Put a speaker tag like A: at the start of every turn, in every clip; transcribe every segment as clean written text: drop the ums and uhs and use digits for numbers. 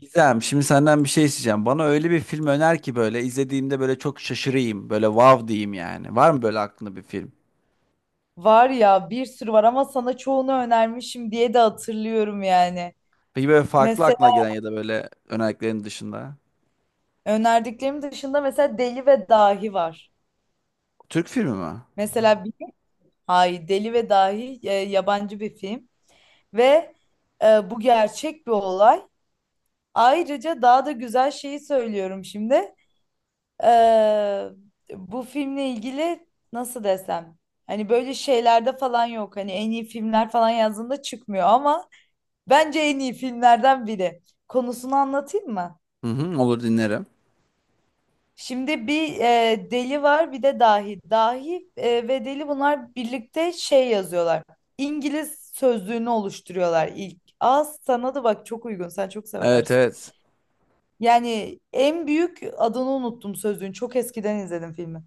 A: Gizem, şimdi senden bir şey isteyeceğim. Bana öyle bir film öner ki böyle izlediğimde böyle çok şaşırayım. Böyle wow diyeyim yani. Var mı böyle aklında bir film?
B: Var ya bir sürü var ama sana çoğunu önermişim diye de hatırlıyorum yani.
A: Peki böyle farklı
B: Mesela
A: aklına gelen ya da böyle önerilerin dışında.
B: önerdiklerim dışında mesela Deli ve Dahi var.
A: Türk filmi mi?
B: Mesela bir, hayır, Deli ve Dahi yabancı bir film ve bu gerçek bir olay. Ayrıca daha da güzel şeyi söylüyorum şimdi. E, bu filmle ilgili nasıl desem? Hani böyle şeylerde falan yok. Hani en iyi filmler falan yazdığında çıkmıyor ama bence en iyi filmlerden biri. Konusunu anlatayım mı?
A: Hı hı, olur dinlerim.
B: Şimdi bir deli var bir de dahi. Dahi ve deli bunlar birlikte şey yazıyorlar. İngiliz sözlüğünü oluşturuyorlar ilk. Az sana da bak çok uygun sen çok
A: Evet,
B: seversin.
A: evet.
B: Yani en büyük adını unuttum sözlüğün. Çok eskiden izledim filmi.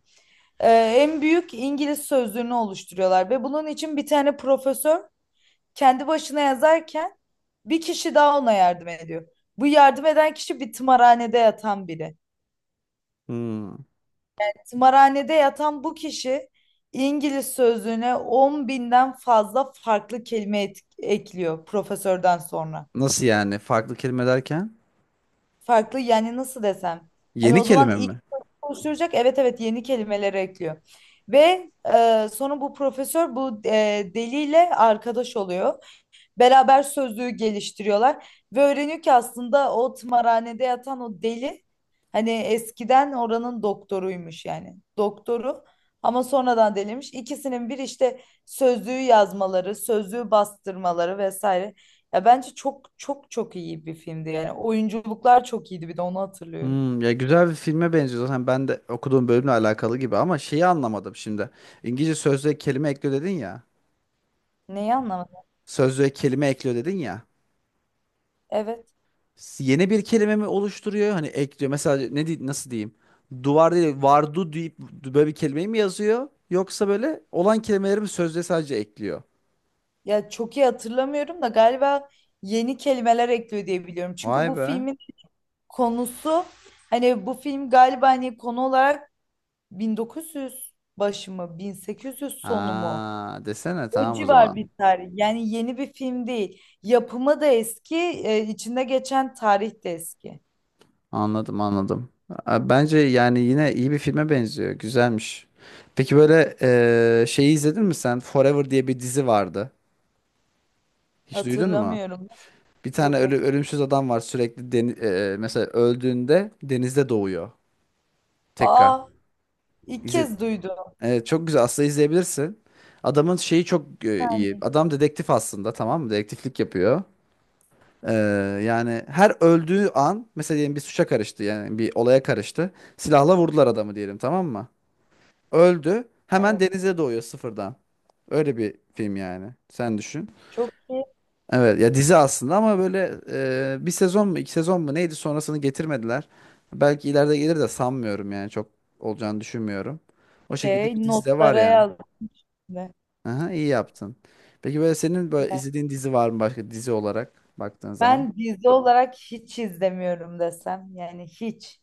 B: En büyük İngiliz sözlüğünü oluşturuyorlar ve bunun için bir tane profesör kendi başına yazarken bir kişi daha ona yardım ediyor. Bu yardım eden kişi bir tımarhanede yatan biri.
A: Hmm.
B: Tımarhanede yatan bu kişi İngiliz sözlüğüne 10.000'den fazla farklı kelime ekliyor profesörden sonra.
A: Nasıl yani? Farklı kelime derken?
B: Farklı yani nasıl desem. Hani
A: Yeni
B: o zaman
A: kelime
B: ilk
A: mi?
B: oluşturacak evet evet yeni kelimeleri ekliyor. Ve sonra bu profesör bu deliyle arkadaş oluyor. Beraber sözlüğü geliştiriyorlar ve öğreniyor ki aslında o tımarhanede yatan o deli hani eskiden oranın doktoruymuş yani doktoru ama sonradan deliymiş. İkisinin bir işte sözlüğü yazmaları, sözlüğü bastırmaları vesaire. Ya bence çok çok çok iyi bir filmdi yani oyunculuklar çok iyiydi bir de onu hatırlıyorum.
A: Hmm, ya güzel bir filme benziyor zaten ben de okuduğum bölümle alakalı gibi ama şeyi anlamadım şimdi. İngilizce sözlüğe kelime ekliyor dedin ya.
B: Neyi anlamadım?
A: Sözlüğe kelime ekliyor dedin ya.
B: Evet.
A: Yeni bir kelime mi oluşturuyor? Hani ekliyor. Mesela nasıl diyeyim? Duvar değil, vardu deyip böyle bir kelimeyi mi yazıyor? Yoksa böyle olan kelimeleri mi sözde sadece ekliyor?
B: Ya çok iyi hatırlamıyorum da galiba yeni kelimeler ekliyor diye biliyorum. Çünkü
A: Vay
B: bu
A: be.
B: filmin konusu hani bu film galiba hani konu olarak 1900 başı mı 1800 sonu mu?
A: Ha, desene
B: O
A: tamam o
B: civar
A: zaman.
B: bir tarih. Yani yeni bir film değil. Yapımı da eski, içinde geçen tarih de eski.
A: Anladım, anladım. Bence yani yine iyi bir filme benziyor. Güzelmiş. Peki böyle şeyi izledin mi sen? Forever diye bir dizi vardı. Hiç duydun mu?
B: Hatırlamıyorum. Yok hatır.
A: Ölümsüz adam var sürekli mesela öldüğünde denizde doğuyor tekrar.
B: Aa, ilk
A: İzle
B: kez duydum.
A: Evet, çok güzel aslında izleyebilirsin. Adamın şeyi çok iyi. Adam dedektif aslında, tamam mı? Dedektiflik yapıyor. Ee, Yani her öldüğü an, mesela diyelim bir suça karıştı yani bir olaya karıştı. Silahla vurdular adamı diyelim, tamam mı? Öldü. Hemen
B: Evet.
A: denize doğuyor sıfırdan. Öyle bir film yani. Sen düşün.
B: Çok iyi
A: Evet ya, dizi aslında ama böyle bir sezon mu iki sezon mu neydi, sonrasını getirmediler. Belki ileride gelir de sanmıyorum yani çok olacağını düşünmüyorum. O şekilde bir
B: şey
A: dizi de var
B: notlara
A: ya.
B: yazdım.
A: Aha, iyi yaptın. Peki böyle senin böyle
B: Yani
A: izlediğin dizi var mı, başka dizi olarak baktığın zaman?
B: ben dizi olarak hiç izlemiyorum desem yani hiç.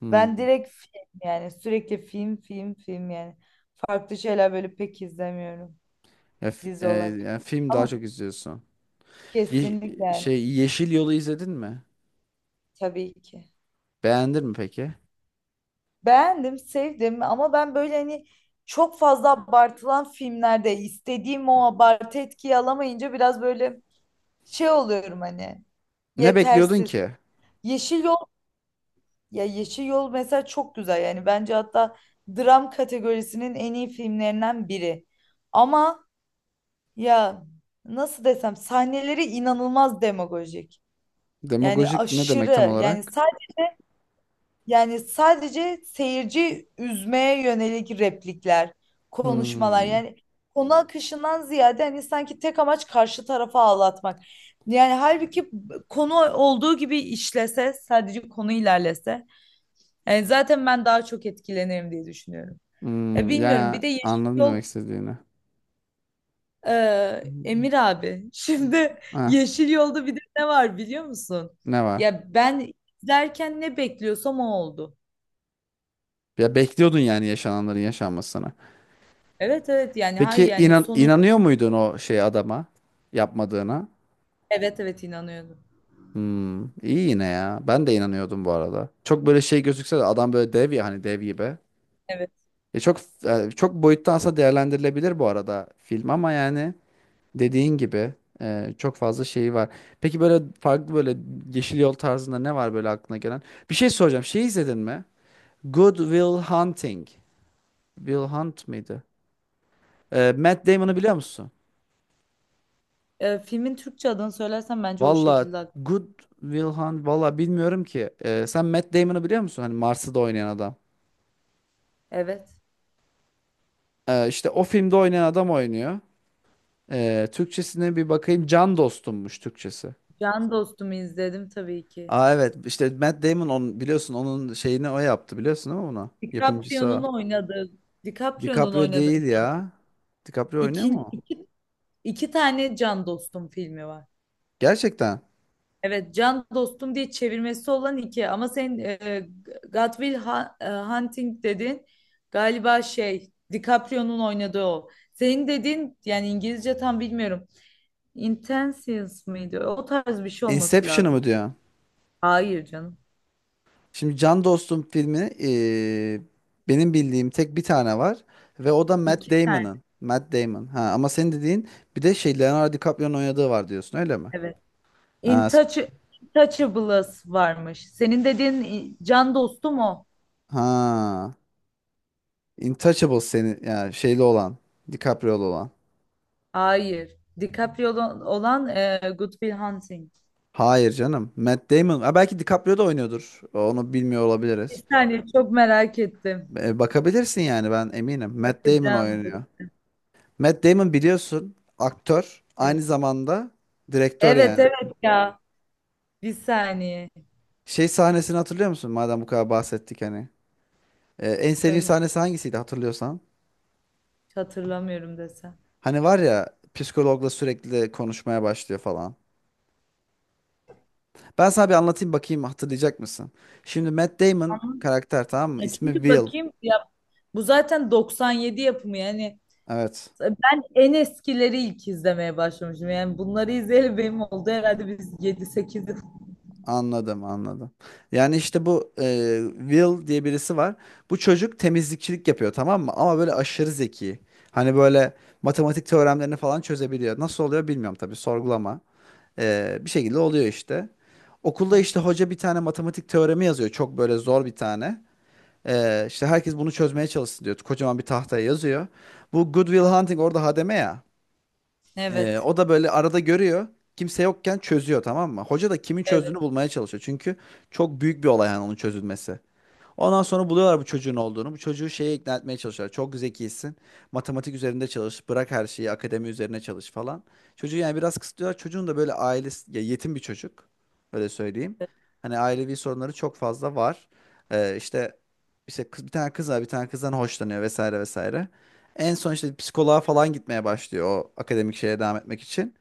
A: Hmm.
B: Ben direkt film yani sürekli film film film yani. Farklı şeyler böyle pek izlemiyorum
A: Ya, fi-
B: dizi
A: e,
B: olarak.
A: Yani film daha
B: Ama
A: çok izliyorsun. Ye-
B: kesinlikle yani
A: Şey, Yeşil Yol'u izledin mi?
B: tabii ki.
A: Beğendin mi peki?
B: Beğendim, sevdim ama ben böyle hani çok fazla abartılan filmlerde istediğim o abartı etkiyi alamayınca biraz böyle şey oluyorum hani
A: Ne bekliyordun
B: yetersiz.
A: ki?
B: Yeşil Yol ya Yeşil Yol mesela çok güzel yani bence hatta dram kategorisinin en iyi filmlerinden biri. Ama ya nasıl desem sahneleri inanılmaz demagojik. Yani
A: Demagojik ne demek tam
B: aşırı yani
A: olarak?
B: sadece seyirci üzmeye yönelik replikler, konuşmalar
A: Hmm.
B: yani konu akışından ziyade hani sanki tek amaç karşı tarafa ağlatmak. Yani halbuki konu olduğu gibi işlese sadece konu ilerlese yani zaten ben daha çok etkilenirim diye düşünüyorum. Ya
A: Hmm.
B: bilmiyorum bir
A: Ya
B: de Yeşil
A: anladım
B: Yol
A: demek istediğini. Hmm.
B: Emir abi, şimdi
A: Ah,
B: Yeşil Yolda bir de ne var biliyor musun?
A: ne var?
B: Ya ben izlerken ne bekliyorsam o oldu.
A: Ya bekliyordun yani yaşananların yaşanmasını.
B: Evet evet yani hayır
A: Peki
B: yani sonun
A: inanıyor muydun o şey adama yapmadığına?
B: evet evet inanıyordum.
A: Hmm, iyi yine ya. Ben de inanıyordum bu arada. Çok böyle şey gözükse de adam böyle dev ya, hani dev gibi.
B: Evet.
A: Çok boyutta aslında değerlendirilebilir bu arada film ama yani dediğin gibi çok fazla şeyi var. Peki böyle farklı böyle Yeşil Yol tarzında ne var böyle aklına gelen? Bir şey soracağım. Şey izledin mi? Good Will Hunting. Will Hunt mıydı? Matt Damon'u biliyor musun?
B: Filmin Türkçe adını söylersen bence o
A: Valla
B: şekilde.
A: Good Will Hunt valla bilmiyorum ki. Sen Matt Damon'u biliyor musun? Hani Mars'ı da oynayan adam.
B: Evet.
A: İşte o filmde oynayan adam oynuyor. Türkçesine bir bakayım. Can dostummuş Türkçesi.
B: Can Dostum'u izledim tabii ki.
A: Aa evet, işte Matt Damon biliyorsun onun şeyini o yaptı, biliyorsun değil mi bunu? Yapımcısı
B: DiCaprio'nun
A: o.
B: oynadığı DiCaprio'nun
A: DiCaprio
B: oynadığı
A: değil ya. DiCaprio oynuyor
B: iki
A: mu o?
B: iki, iki tane Can Dostum filmi var.
A: Gerçekten.
B: Evet, Can Dostum diye çevirmesi olan iki ama sen God Will Hunting dedin galiba şey DiCaprio'nun oynadığı o. Senin dediğin yani İngilizce tam bilmiyorum. Intentions mıydı? O tarz bir şey olması
A: Inception'ı mı
B: lazım.
A: diyor?
B: Hayır canım.
A: Şimdi Can Dostum filmi, benim bildiğim tek bir tane var ve o da Matt
B: İki tane
A: Damon'ın. Matt Damon. Ha ama senin dediğin bir de şey, Leonardo DiCaprio'nun oynadığı var diyorsun, öyle mi?
B: evet.
A: Ha, s-
B: Intouch Intouchables varmış. Senin dediğin Can Dostum o.
A: ha. Intouchable seni yani şeyli olan. DiCaprio'lu olan.
B: Hayır. DiCaprio olan, Good Will Hunting.
A: Hayır canım. Matt Damon. Ha, belki DiCaprio da oynuyordur. Onu bilmiyor
B: Bir
A: olabiliriz.
B: saniye çok merak ettim.
A: Bakabilirsin yani, ben eminim. Matt Damon
B: Bakacağım.
A: oynuyor. Matt Damon biliyorsun aktör. Aynı zamanda direktör
B: Evet
A: yani.
B: evet ya. Bir saniye.
A: Şey, sahnesini hatırlıyor musun? Madem bu kadar bahsettik hani. En sevdiğin
B: Söyle.
A: sahnesi hangisiydi hatırlıyorsan?
B: Hiç hatırlamıyorum desem.
A: Hani var ya, psikologla sürekli konuşmaya başlıyor falan. Ben sana bir anlatayım, bakayım hatırlayacak mısın? Şimdi Matt Damon
B: Ama
A: karakter, tamam mı?
B: ya
A: İsmi
B: çünkü
A: Will.
B: bakayım ya bu zaten 97 yapımı yani
A: Evet.
B: ben en eskileri ilk izlemeye başlamışım. Yani bunları izleyeli benim oldu herhalde biz 7-8 yıl.
A: Anladım, anladım. Yani işte bu Will diye birisi var. Bu çocuk temizlikçilik yapıyor, tamam mı? Ama böyle aşırı zeki. Hani böyle matematik teoremlerini falan çözebiliyor. Nasıl oluyor bilmiyorum tabii, sorgulama. Bir şekilde oluyor işte. Okulda
B: Evet.
A: işte hoca bir tane matematik teoremi yazıyor. Çok böyle zor bir tane. İşte herkes bunu çözmeye çalışsın diyor. Kocaman bir tahtaya yazıyor. Bu Good Will Hunting orada hademe ya.
B: Evet.
A: O da böyle arada görüyor. Kimse yokken çözüyor, tamam mı? Hoca da kimin çözdüğünü
B: Evet.
A: bulmaya çalışıyor. Çünkü çok büyük bir olay yani onun çözülmesi. Ondan sonra buluyorlar bu çocuğun olduğunu. Bu çocuğu şeye ikna etmeye çalışıyorlar. Çok zekisin. Matematik üzerinde çalış. Bırak her şeyi. Akademi üzerine çalış falan. Çocuğu yani biraz kısıtlıyorlar. Çocuğun da böyle ailesi ya, yetim bir çocuk. Öyle söyleyeyim. Hani ailevi sorunları çok fazla var. İşte işte kız, bir tane kız var. Bir tane kızdan hoşlanıyor vesaire vesaire. En son işte psikoloğa falan gitmeye başlıyor o akademik şeye devam etmek için.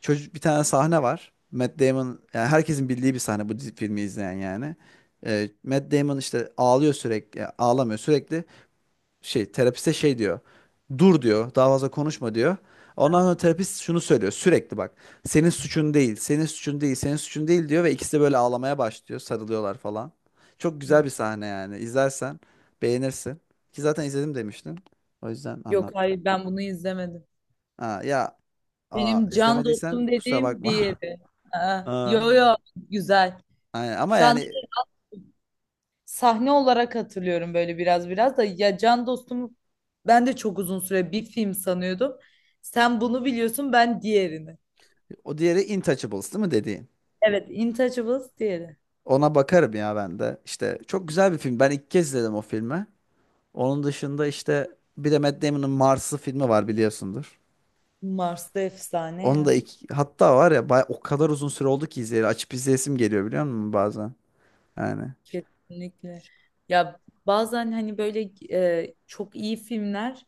A: Çocuk, bir tane sahne var. Matt Damon yani herkesin bildiği bir sahne, bu filmi izleyen yani. Matt Damon işte ağlıyor sürekli, ya ağlamıyor sürekli. Şey, terapiste şey diyor. Dur diyor, daha fazla konuşma diyor. Ondan sonra terapist şunu söylüyor sürekli, bak. Senin suçun değil, senin suçun değil, senin suçun değil diyor ve ikisi de böyle ağlamaya başlıyor, sarılıyorlar falan. Çok güzel
B: Hı.
A: bir sahne yani. İzlersen beğenirsin. Ki zaten izledim demiştin. O yüzden
B: Yok
A: anlattım.
B: hayır ben bunu izlemedim.
A: Ha, ya aa,
B: Benim can
A: izlemediysen
B: dostum
A: kusura
B: dediğim
A: bakma.
B: diğeri. Aa,
A: Aa,
B: yo yo güzel.
A: aynen. Ama
B: Şu an
A: yani
B: sahne olarak hatırlıyorum böyle biraz biraz da ya can dostum ben de çok uzun süre bir film sanıyordum. Sen bunu biliyorsun ben diğerini.
A: o diğeri Intouchables değil mi dediğin?
B: Evet Intouchables diğeri.
A: Ona bakarım ya ben de. İşte çok güzel bir film. Ben ilk kez izledim o filmi. Onun dışında işte bir de Matt Damon'ın Mars'ı filmi var, biliyorsundur.
B: Mars'ta efsane
A: Onu da
B: ya.
A: ilk, hatta var ya baya, o kadar uzun süre oldu ki izleyeli. Açıp izleyesim geliyor biliyor musun bazen? Yani.
B: Kesinlikle. Ya bazen hani böyle çok iyi filmler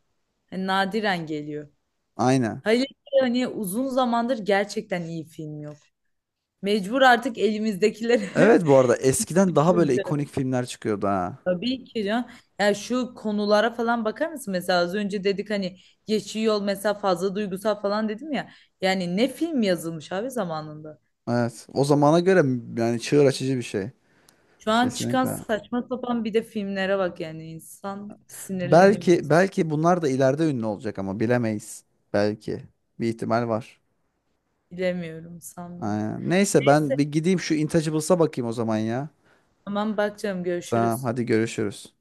B: hani nadiren geliyor.
A: Aynen.
B: Hayır hani uzun zamandır gerçekten iyi film yok. Mecbur artık elimizdekileri
A: Evet bu arada eskiden daha böyle
B: göreceğiz.
A: ikonik filmler çıkıyordu ha.
B: Tabii ki ya. Ya şu konulara falan bakar mısın? Mesela az önce dedik hani geçiyor yol mesela fazla duygusal falan dedim ya. Yani ne film yazılmış abi zamanında.
A: Evet. O zamana göre yani çığır açıcı bir şey.
B: Şu an çıkan
A: Kesinlikle.
B: saçma sapan bir de filmlere bak yani insan sinirleniyor.
A: Belki, bunlar da ileride ünlü olacak ama bilemeyiz. Belki. Bir ihtimal var.
B: Bilemiyorum sanmıyorum.
A: Aynen. Neyse ben
B: Neyse.
A: bir gideyim şu Intouchables'a bakayım o zaman ya.
B: Tamam bakacağım
A: Tamam
B: görüşürüz.
A: hadi, görüşürüz.